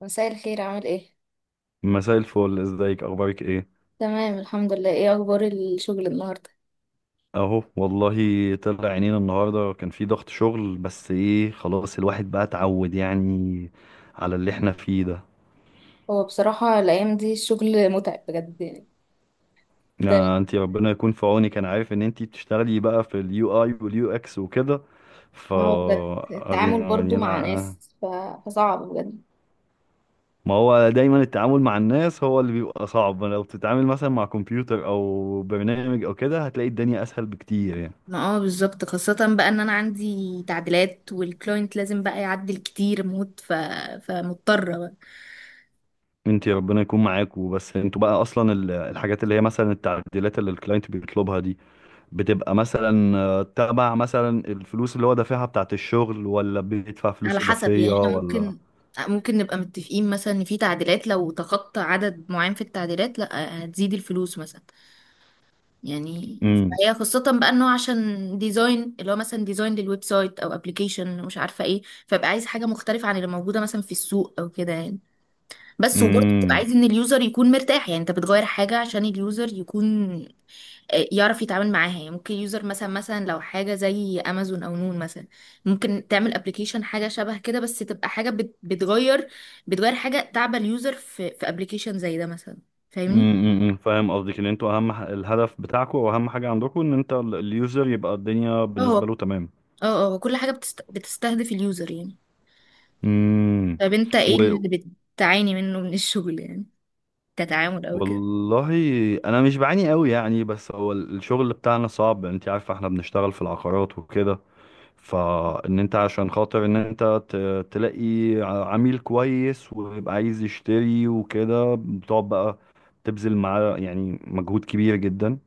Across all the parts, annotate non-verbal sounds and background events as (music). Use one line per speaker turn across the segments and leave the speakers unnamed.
مساء الخير عامل ايه؟
مساء الفل، ازيك؟ اخبارك ايه؟
تمام الحمد لله، ايه اخبار الشغل النهارده؟
اهو والله. طلع عينينا النهارده، كان في ضغط شغل، بس ايه، خلاص الواحد بقى اتعود يعني على اللي احنا فيه ده.
هو بصراحة الايام دي الشغل متعب بجد يعني. ت-
آه، انتي ربنا يكون في عونك. انا عارف ان انتي بتشتغلي بقى في اليو اي واليو اكس وكده. ف
هو بجد التعامل برضو
يعني
مع
انا،
ناس فصعب بجد.
ما هو دايما التعامل مع الناس هو اللي بيبقى صعب. لو بتتعامل مثلا مع كمبيوتر او برنامج او كده هتلاقي الدنيا اسهل بكتير يعني.
ما اه بالظبط، خاصة بقى ان انا عندي تعديلات والكلاينت لازم بقى يعدل كتير موت فمضطرة بقى.
انت ربنا يكون معاك. وبس انتوا بقى اصلا الحاجات اللي هي مثلا التعديلات اللي الكلاينت بيطلبها دي بتبقى مثلا تبع مثلا الفلوس اللي هو دافعها بتاعت الشغل، ولا بيدفع فلوس
على حسب يعني
اضافية،
احنا
ولا؟
ممكن نبقى متفقين مثلا ان في تعديلات، لو تخطى عدد معين في التعديلات لا هتزيد الفلوس مثلا يعني.
امم
هي خاصة بقى انه عشان ديزاين اللي هو مثلا ديزاين للويب سايت او ابلكيشن مش عارفة ايه، فبقى عايز حاجة مختلفة عن اللي موجودة مثلا في السوق او كده يعني. بس وبرضه بتبقى
امم
عايز ان اليوزر يكون مرتاح، يعني انت بتغير حاجة عشان اليوزر يكون يعرف يتعامل معاها. يعني ممكن اليوزر مثلا، لو حاجة زي امازون او نون مثلا، ممكن تعمل ابلكيشن حاجة شبه كده بس تبقى حاجة بتغير. بتغير حاجة تعبى اليوزر في ابلكيشن زي ده مثلا. فاهمني؟
فاهم قصدك ان انتوا اهم الهدف بتاعكم واهم حاجة عندكم ان انت اليوزر يبقى الدنيا بالنسبة
اه،
له تمام.
اه، اه، كل حاجة بتستهدف اليوزر يعني.
امم
طب انت ايه
و...
اللي بتعاني منه من الشغل يعني، كتعامل او كده؟
والله انا مش بعاني قوي يعني، بس هو الشغل بتاعنا صعب. انت عارفة احنا بنشتغل في العقارات وكده، فان انت عشان خاطر ان انت تلاقي عميل كويس ويبقى عايز يشتري وكده، بتقعد بقى تبذل معاه يعني مجهود كبير جدا،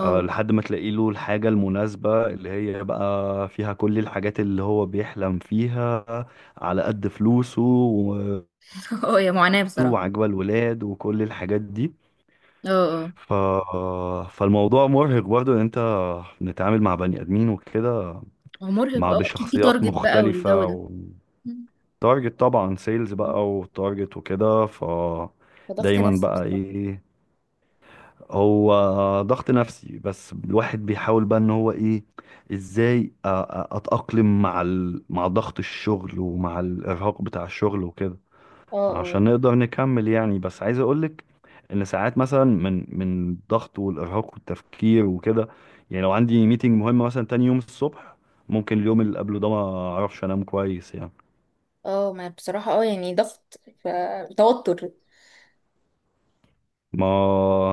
لحد ما تلاقي له الحاجة المناسبة اللي هي بقى فيها كل الحاجات اللي هو بيحلم فيها، على قد فلوسه
(laughs) اه يا معاناة بصراحة.
وعجبة الولاد وكل الحاجات دي.
اه، اه،
ف... فالموضوع مرهق برضه ان انت بنتعامل مع بني ادمين وكده،
هو مرهق
مع
اه اكيد، في
بشخصيات
تارجت بقى والجو
مختلفة.
ده. مم.
تارجت طبعا سيلز
مم.
بقى، وتارجت وكده.
فضغط
دايما
نفسي
بقى
بصراحة.
ايه، هو ضغط نفسي، بس الواحد بيحاول بقى ان هو ايه، ازاي اتأقلم مع ضغط الشغل ومع الارهاق بتاع الشغل وكده،
اه، اه،
عشان نقدر نكمل يعني. بس عايز اقولك ان ساعات مثلا من الضغط والارهاق والتفكير وكده، يعني لو عندي ميتنج مهم مثلا تاني يوم الصبح، ممكن اليوم اللي قبله ده ما اعرفش انام كويس يعني.
اه، ما بصراحة يعني ضغط فتوتر.
ما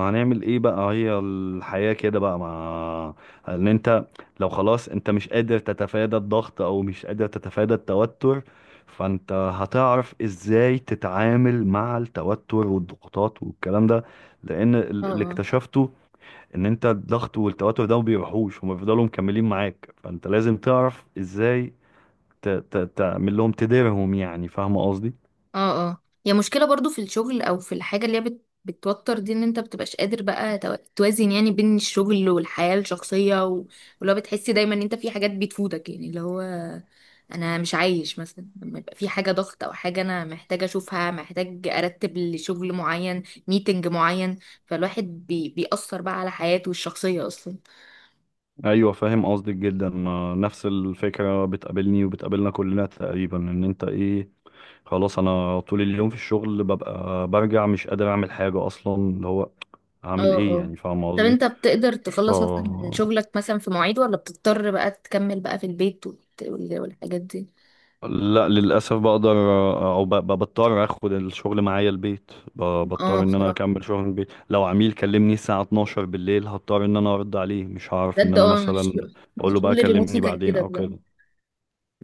هنعمل ايه بقى، هي الحياة كده بقى. مع ان انت لو خلاص انت مش قادر تتفادى الضغط، او مش قادر تتفادى التوتر، فانت هتعرف ازاي تتعامل مع التوتر والضغوطات والكلام ده. لان
اه،
اللي
اه،
اكتشفته ان انت الضغط والتوتر ده ما بيروحوش، هما بيفضلوا مكملين معاك، فانت لازم تعرف ازاي تعمل لهم، تديرهم يعني. فاهم قصدي؟
اه، اه، هي مشكلة برضو في الشغل او في الحاجة اللي هي بتوتر دي، ان انت بتبقاش قادر بقى توازن يعني بين الشغل والحياة الشخصية ولو بتحسي دايما ان انت في حاجات بتفوتك، يعني اللي هو انا مش عايش مثلا لما يبقى في حاجة ضغط او حاجة انا محتاجة اشوفها، محتاج ارتب لشغل معين، ميتنج معين، فالواحد بيأثر بقى على حياته الشخصية اصلا.
ايوه فاهم قصدك جدا. ما نفس الفكره بتقابلني وبتقابلنا كلنا تقريبا، ان انت ايه، خلاص انا طول اليوم في الشغل، ببقى برجع مش قادر اعمل حاجه اصلا، اللي هو
اه،
هعمل ايه
اه،
يعني، فاهم
طب
قصدي؟
انت بتقدر
ف
تخلص مثلا من شغلك مثلا في مواعيد ولا بتضطر بقى تكمل بقى في البيت والحاجات دي؟
لا، للاسف بقدر، او بضطر اخد الشغل معايا البيت،
اه
بضطر ان انا
بصراحة.
اكمل شغل البيت. لو عميل كلمني الساعه 12 بالليل، هضطر ان انا ارد عليه، مش هعرف ان
بجد
انا
أنا
مثلا
الشغل،
اقول له بقى
الشغل الريموتلي
كلمني
كان
بعدين
كده
او
بجد.
كده.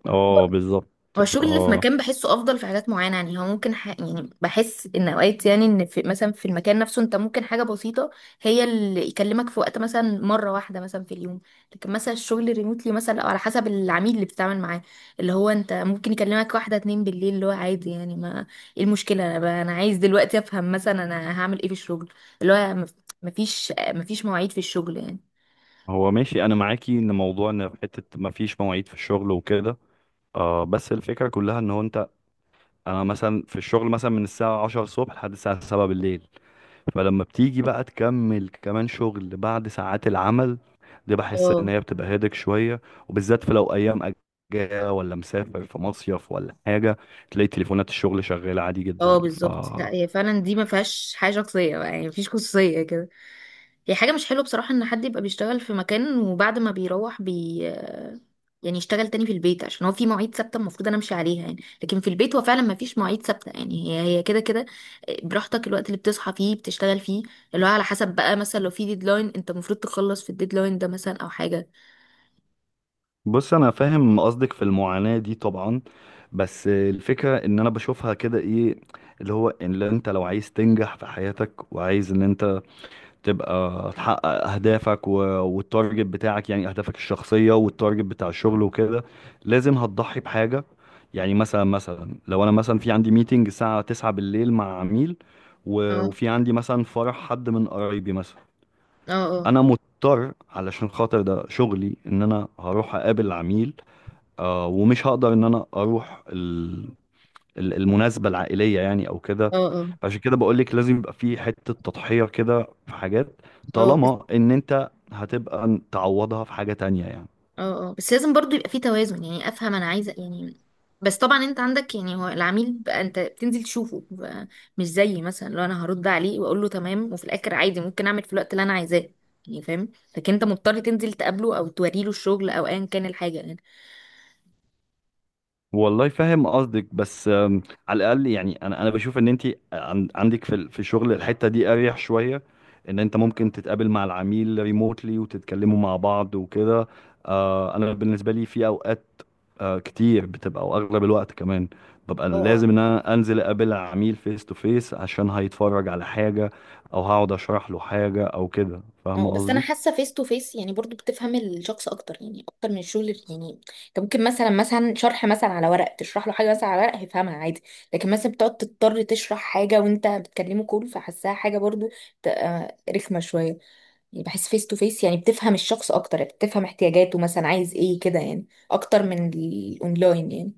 اه بالظبط.
هو
ف
الشغل اللي في مكان بحسه افضل في حاجات معينه، يعني هو ممكن يعني بحس ان اوقات، يعني ان في مثلا في المكان نفسه انت ممكن حاجه بسيطه هي اللي يكلمك في وقت مثلا مره واحده مثلا في اليوم. لكن مثلا الشغل الريموتلي مثلا او على حسب العميل اللي بتتعامل معاه، اللي هو انت ممكن يكلمك واحده اتنين بالليل، اللي هو عادي يعني. ما ايه المشكله، انا انا عايز دلوقتي افهم مثلا انا هعمل ايه في الشغل، اللي هو مفيش مواعيد في الشغل يعني.
هو ماشي، انا معاكي ان موضوع ان في حته ما فيش مواعيد في الشغل وكده، آه. بس الفكره كلها ان هو انت، انا مثلا في الشغل مثلا من الساعه 10 الصبح لحد الساعه 7 بالليل، فلما بتيجي بقى تكمل كمان شغل بعد ساعات العمل دي، بحس ان
اه،
هي بتبقى هيدك شويه، وبالذات في لو ايام اجازه ولا مسافر في مصيف ولا حاجه، تلاقي تليفونات الشغل شغاله عادي جدا.
اه، بالظبط، لا هي فعلا دي ما فيهاش حاجه شخصيه بقى، يعني مفيش خصوصيه كده. هي حاجه مش حلوه بصراحه ان حد يبقى بيشتغل في مكان وبعد ما بيروح يعني يشتغل تاني في البيت، عشان هو في مواعيد ثابته المفروض انا امشي عليها يعني. لكن في البيت هو فعلا ما فيش مواعيد ثابته، يعني هي هي كده كده. براحتك الوقت اللي بتصحى فيه بتشتغل فيه، اللي هو على حسب بقى مثلا لو في ديدلاين انت المفروض تخلص في الديدلاين ده مثلا او حاجه.
بص انا فاهم قصدك في المعاناة دي طبعا، بس الفكرة ان انا بشوفها كده، ايه اللي هو، ان لو انت، لو عايز تنجح في حياتك وعايز ان انت تبقى تحقق اهدافك والتارجت بتاعك، يعني اهدافك الشخصية والتارجت بتاع الشغل وكده، لازم هتضحي بحاجة. يعني مثلا لو انا مثلا في عندي ميتنج الساعة 9 بالليل مع عميل،
اه،
وفي عندي مثلا فرح حد من قرايبي مثلا،
اه، اه،
انا مضطر علشان خاطر ده شغلي ان انا هروح اقابل العميل، آه، ومش هقدر ان انا اروح المناسبة العائلية يعني او كده.
اه،
عشان كده بقول لك لازم يبقى في حتة تضحية كده في حاجات،
اه، اه،
طالما ان انت هتبقى تعوضها في حاجة تانية يعني.
اه، اه، بس لازم برضو يبقى في توازن يعني، افهم انا عايزه يعني. بس طبعا انت عندك يعني هو العميل بقى انت بتنزل تشوفه بقى، مش زيي مثلا. لو انا هرد عليه واقول له تمام، وفي الاخر عادي ممكن اعمل في الوقت اللي انا عايزاه، يعني فاهم. لكن انت مضطر تنزل تقابله او توريله الشغل او ايا كان الحاجه
والله فاهم قصدك، بس على الاقل يعني، انا بشوف ان انت عندك في الشغل الحته دي اريح شويه، ان انت ممكن تتقابل مع العميل ريموتلي وتتكلموا مع بعض وكده. انا بالنسبه لي في اوقات كتير بتبقى او اغلب الوقت كمان، ببقى
يعني.
لازم ان انا انزل اقابل العميل فيس تو فيس، عشان هيتفرج على حاجه، او هقعد اشرح له حاجه او كده، فاهمه
اه، بس انا
قصدي؟
حاسه فيس تو فيس يعني برضو بتفهم الشخص اكتر، يعني اكتر من الشغل يعني انت ممكن مثلا، شرح مثلا على ورق، تشرح له حاجه مثلا على ورق هيفهمها عادي. لكن مثلا بتقعد تضطر تشرح حاجه وانت بتكلمه كول، فحاساها حاجه برضو رخمه شويه يعني. بحس فيس تو فيس يعني بتفهم الشخص اكتر، يعني بتفهم احتياجاته مثلا عايز ايه كده، يعني اكتر من الاونلاين يعني.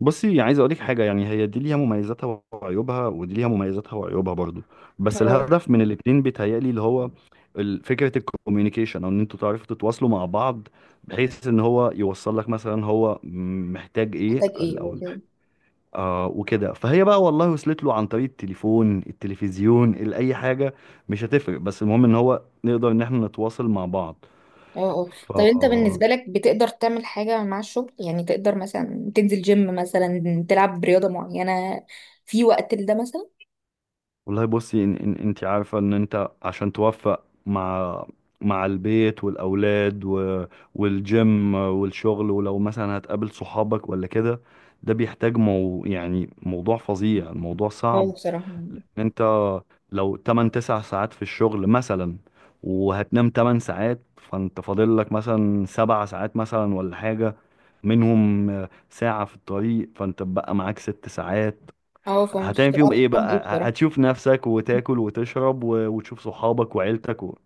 بصي عايز اقول لك حاجه، يعني هي دي ليها مميزاتها وعيوبها، ودي ليها مميزاتها وعيوبها برضو، بس
اه
الهدف من الاتنين بيتهيألي اللي هو فكره الكوميونيكيشن، او ان انتوا تعرفوا تتواصلوا مع بعض، بحيث ان هو يوصل لك مثلا هو محتاج ايه،
محتاج ايه
ال-
او
او
كده.
وكده. فهي بقى والله وصلت له عن طريق التليفون، التلفزيون، اي حاجه مش هتفرق، بس المهم ان هو نقدر ان احنا نتواصل مع
اه، اه، طب انت
بعض.
بالنسبة لك بتقدر تعمل حاجة مع الشغل يعني، تقدر مثلا تنزل جيم مثلا، تلعب رياضة معينة في وقت لده مثلا؟
والله بصي، إن انت عارفة ان انت عشان توفق مع البيت والأولاد والجيم والشغل، ولو مثلا هتقابل صحابك ولا كده، ده بيحتاج يعني موضوع فظيع، الموضوع
اه
صعب.
بصراحة.
لأن انت لو 8 9 ساعات في الشغل مثلا، وهتنام 8 ساعات، فانت فاضل لك مثلا 7 ساعات مثلا، ولا حاجة، منهم ساعة في الطريق، فانت بقى معاك 6 ساعات،
اه، فمش
هتعمل
تبقى
فيهم
عارف
ايه
تعمل
بقى،
ايه بصراحة.
هتشوف نفسك وتاكل وتشرب وتشوف صحابك وعيلتك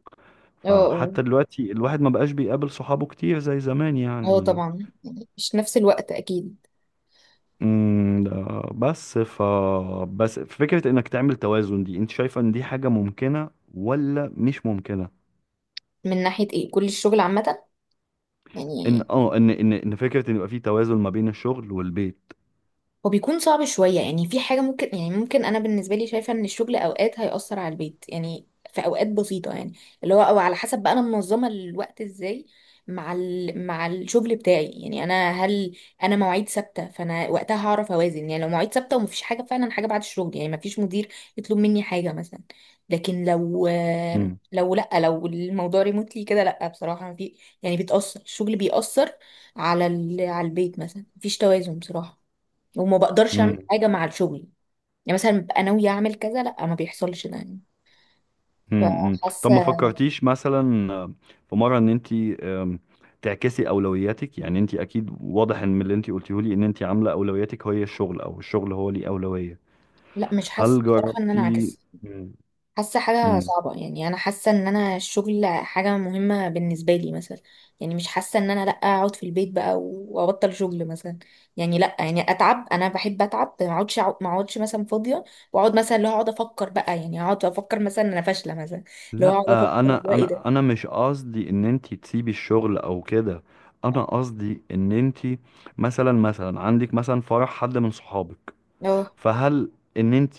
اه، اه،
فحتى دلوقتي الواحد ما بقاش بيقابل صحابه كتير زي زمان
اه،
يعني.
طبعا يعني مش نفس الوقت اكيد.
ده بس. بس فكرة انك تعمل توازن دي، انت شايفة ان دي حاجة ممكنة ولا مش ممكنة؟
من ناحية ايه، كل الشغل عامة
ان
يعني؟
اه ان ان ان فكرة ان يبقى في توازن ما بين الشغل والبيت.
هو بيكون صعب شوية، يعني في حاجة ممكن يعني، ممكن أنا بالنسبة لي شايفة إن الشغل أوقات هيأثر على البيت يعني، في أوقات بسيطة يعني. اللي هو أو على حسب بقى أنا منظمة الوقت إزاي مع مع الشغل بتاعي، يعني أنا مواعيد ثابتة، فأنا وقتها هعرف أوازن يعني. لو مواعيد ثابتة ومفيش حاجة فعلا، حاجة بعد الشغل يعني، مفيش مدير يطلب مني حاجة مثلا. لكن لو
امم.
لو لأ، لو الموضوع ريموتلي كده، لأ بصراحة في، يعني بتأثر الشغل بيأثر على على البيت مثلا، مفيش توازن بصراحة. وما بقدرش اعمل
امم.
حاجه مع الشغل، يعني مثلا ببقى ناويه اعمل كذا، لا ما بيحصلش ده يعني.
طب ما
فحاسه،
فكرتيش مثلا، في مره، ان انت تعكسي اولوياتك؟ يعني انت اكيد واضح ان من اللي انت قلتيه لي، ان انت عامله اولوياتك هي الشغل، او الشغل هو ليه اولويه.
لا مش حاسه
هل
بصراحه ان انا
جربتي؟
عكس،
مم.
حاسه حاجه
مم.
صعبه يعني. انا حاسه ان انا الشغل حاجه مهمه بالنسبه لي مثلا، يعني مش حاسه ان انا لا اقعد في البيت بقى وابطل شغل مثلا. يعني لا، يعني اتعب، انا بحب اتعب، ما اقعدش مثلا فاضيه واقعد، مثلا اللي هو اقعد افكر بقى، يعني اقعد افكر مثلا إن انا فاشله مثلا، اللي هو
لا،
اقعد افكر
انا
بقى ايه
انا
ده.
انا مش قصدي ان انت تسيبي الشغل او كده. انا قصدي ان انت مثلا عندك مثلا فرح حد من صحابك،
اه،
فهل ان انت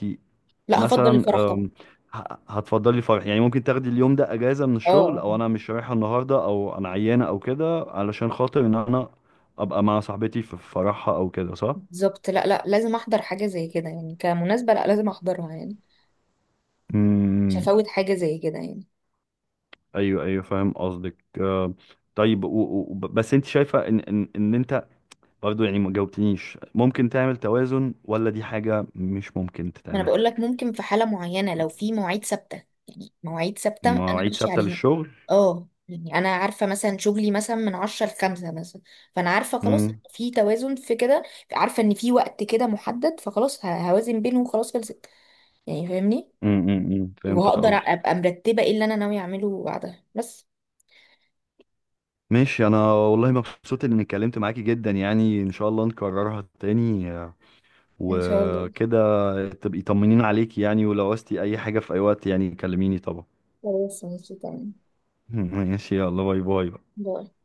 لا هفضل
مثلا
الفرح طبعا.
هتفضلي فرح يعني، ممكن تاخدي اليوم ده اجازة من الشغل،
اه
او انا مش رايحة النهاردة، او انا عيانة او كده، علشان خاطر ان انا ابقى مع صاحبتي في فرحها او كده، صح؟
بالظبط، لا لا لازم احضر حاجه زي كده يعني، كمناسبه لا لازم احضرها يعني، مش
امم.
هفوت حاجه زي كده يعني.
ايوه ايوه فاهم قصدك. طيب، و و بس انت شايفه ان ان ان انت برضو يعني، ما جاوبتنيش، ممكن تعمل توازن، ولا دي حاجه مش ممكن
ما انا
تتعمل؟
بقول لك ممكن في حاله معينه، لو في مواعيد ثابته، يعني مواعيد ثابته انا
مواعيد
ماشيه
ثابته
عليها.
للشغل.
اه، يعني انا عارفه مثلا شغلي مثلا من 10 ل 5 مثلا، فانا عارفه خلاص
امم
في توازن في كده، عارفه ان في وقت كده محدد فخلاص هوازن بينه وخلاص خلصت، يعني فاهمني،
فهمت
وهقدر
قصدك.
ابقى مرتبه ايه اللي انا ناويه اعمله بعدها بس.
ماشي، انا والله مبسوط اني اتكلمت معاكي جدا يعني، ان شاء الله نكررها تاني،
ان شاء الله.
وكده تبقي طمنين عليكي يعني، ولو عوزتي اي حاجة في اي وقت يعني كلميني طبعا.
خلاص، ماشي تمام.
(laughs) ماشي يلا، باي باي بقى.
باي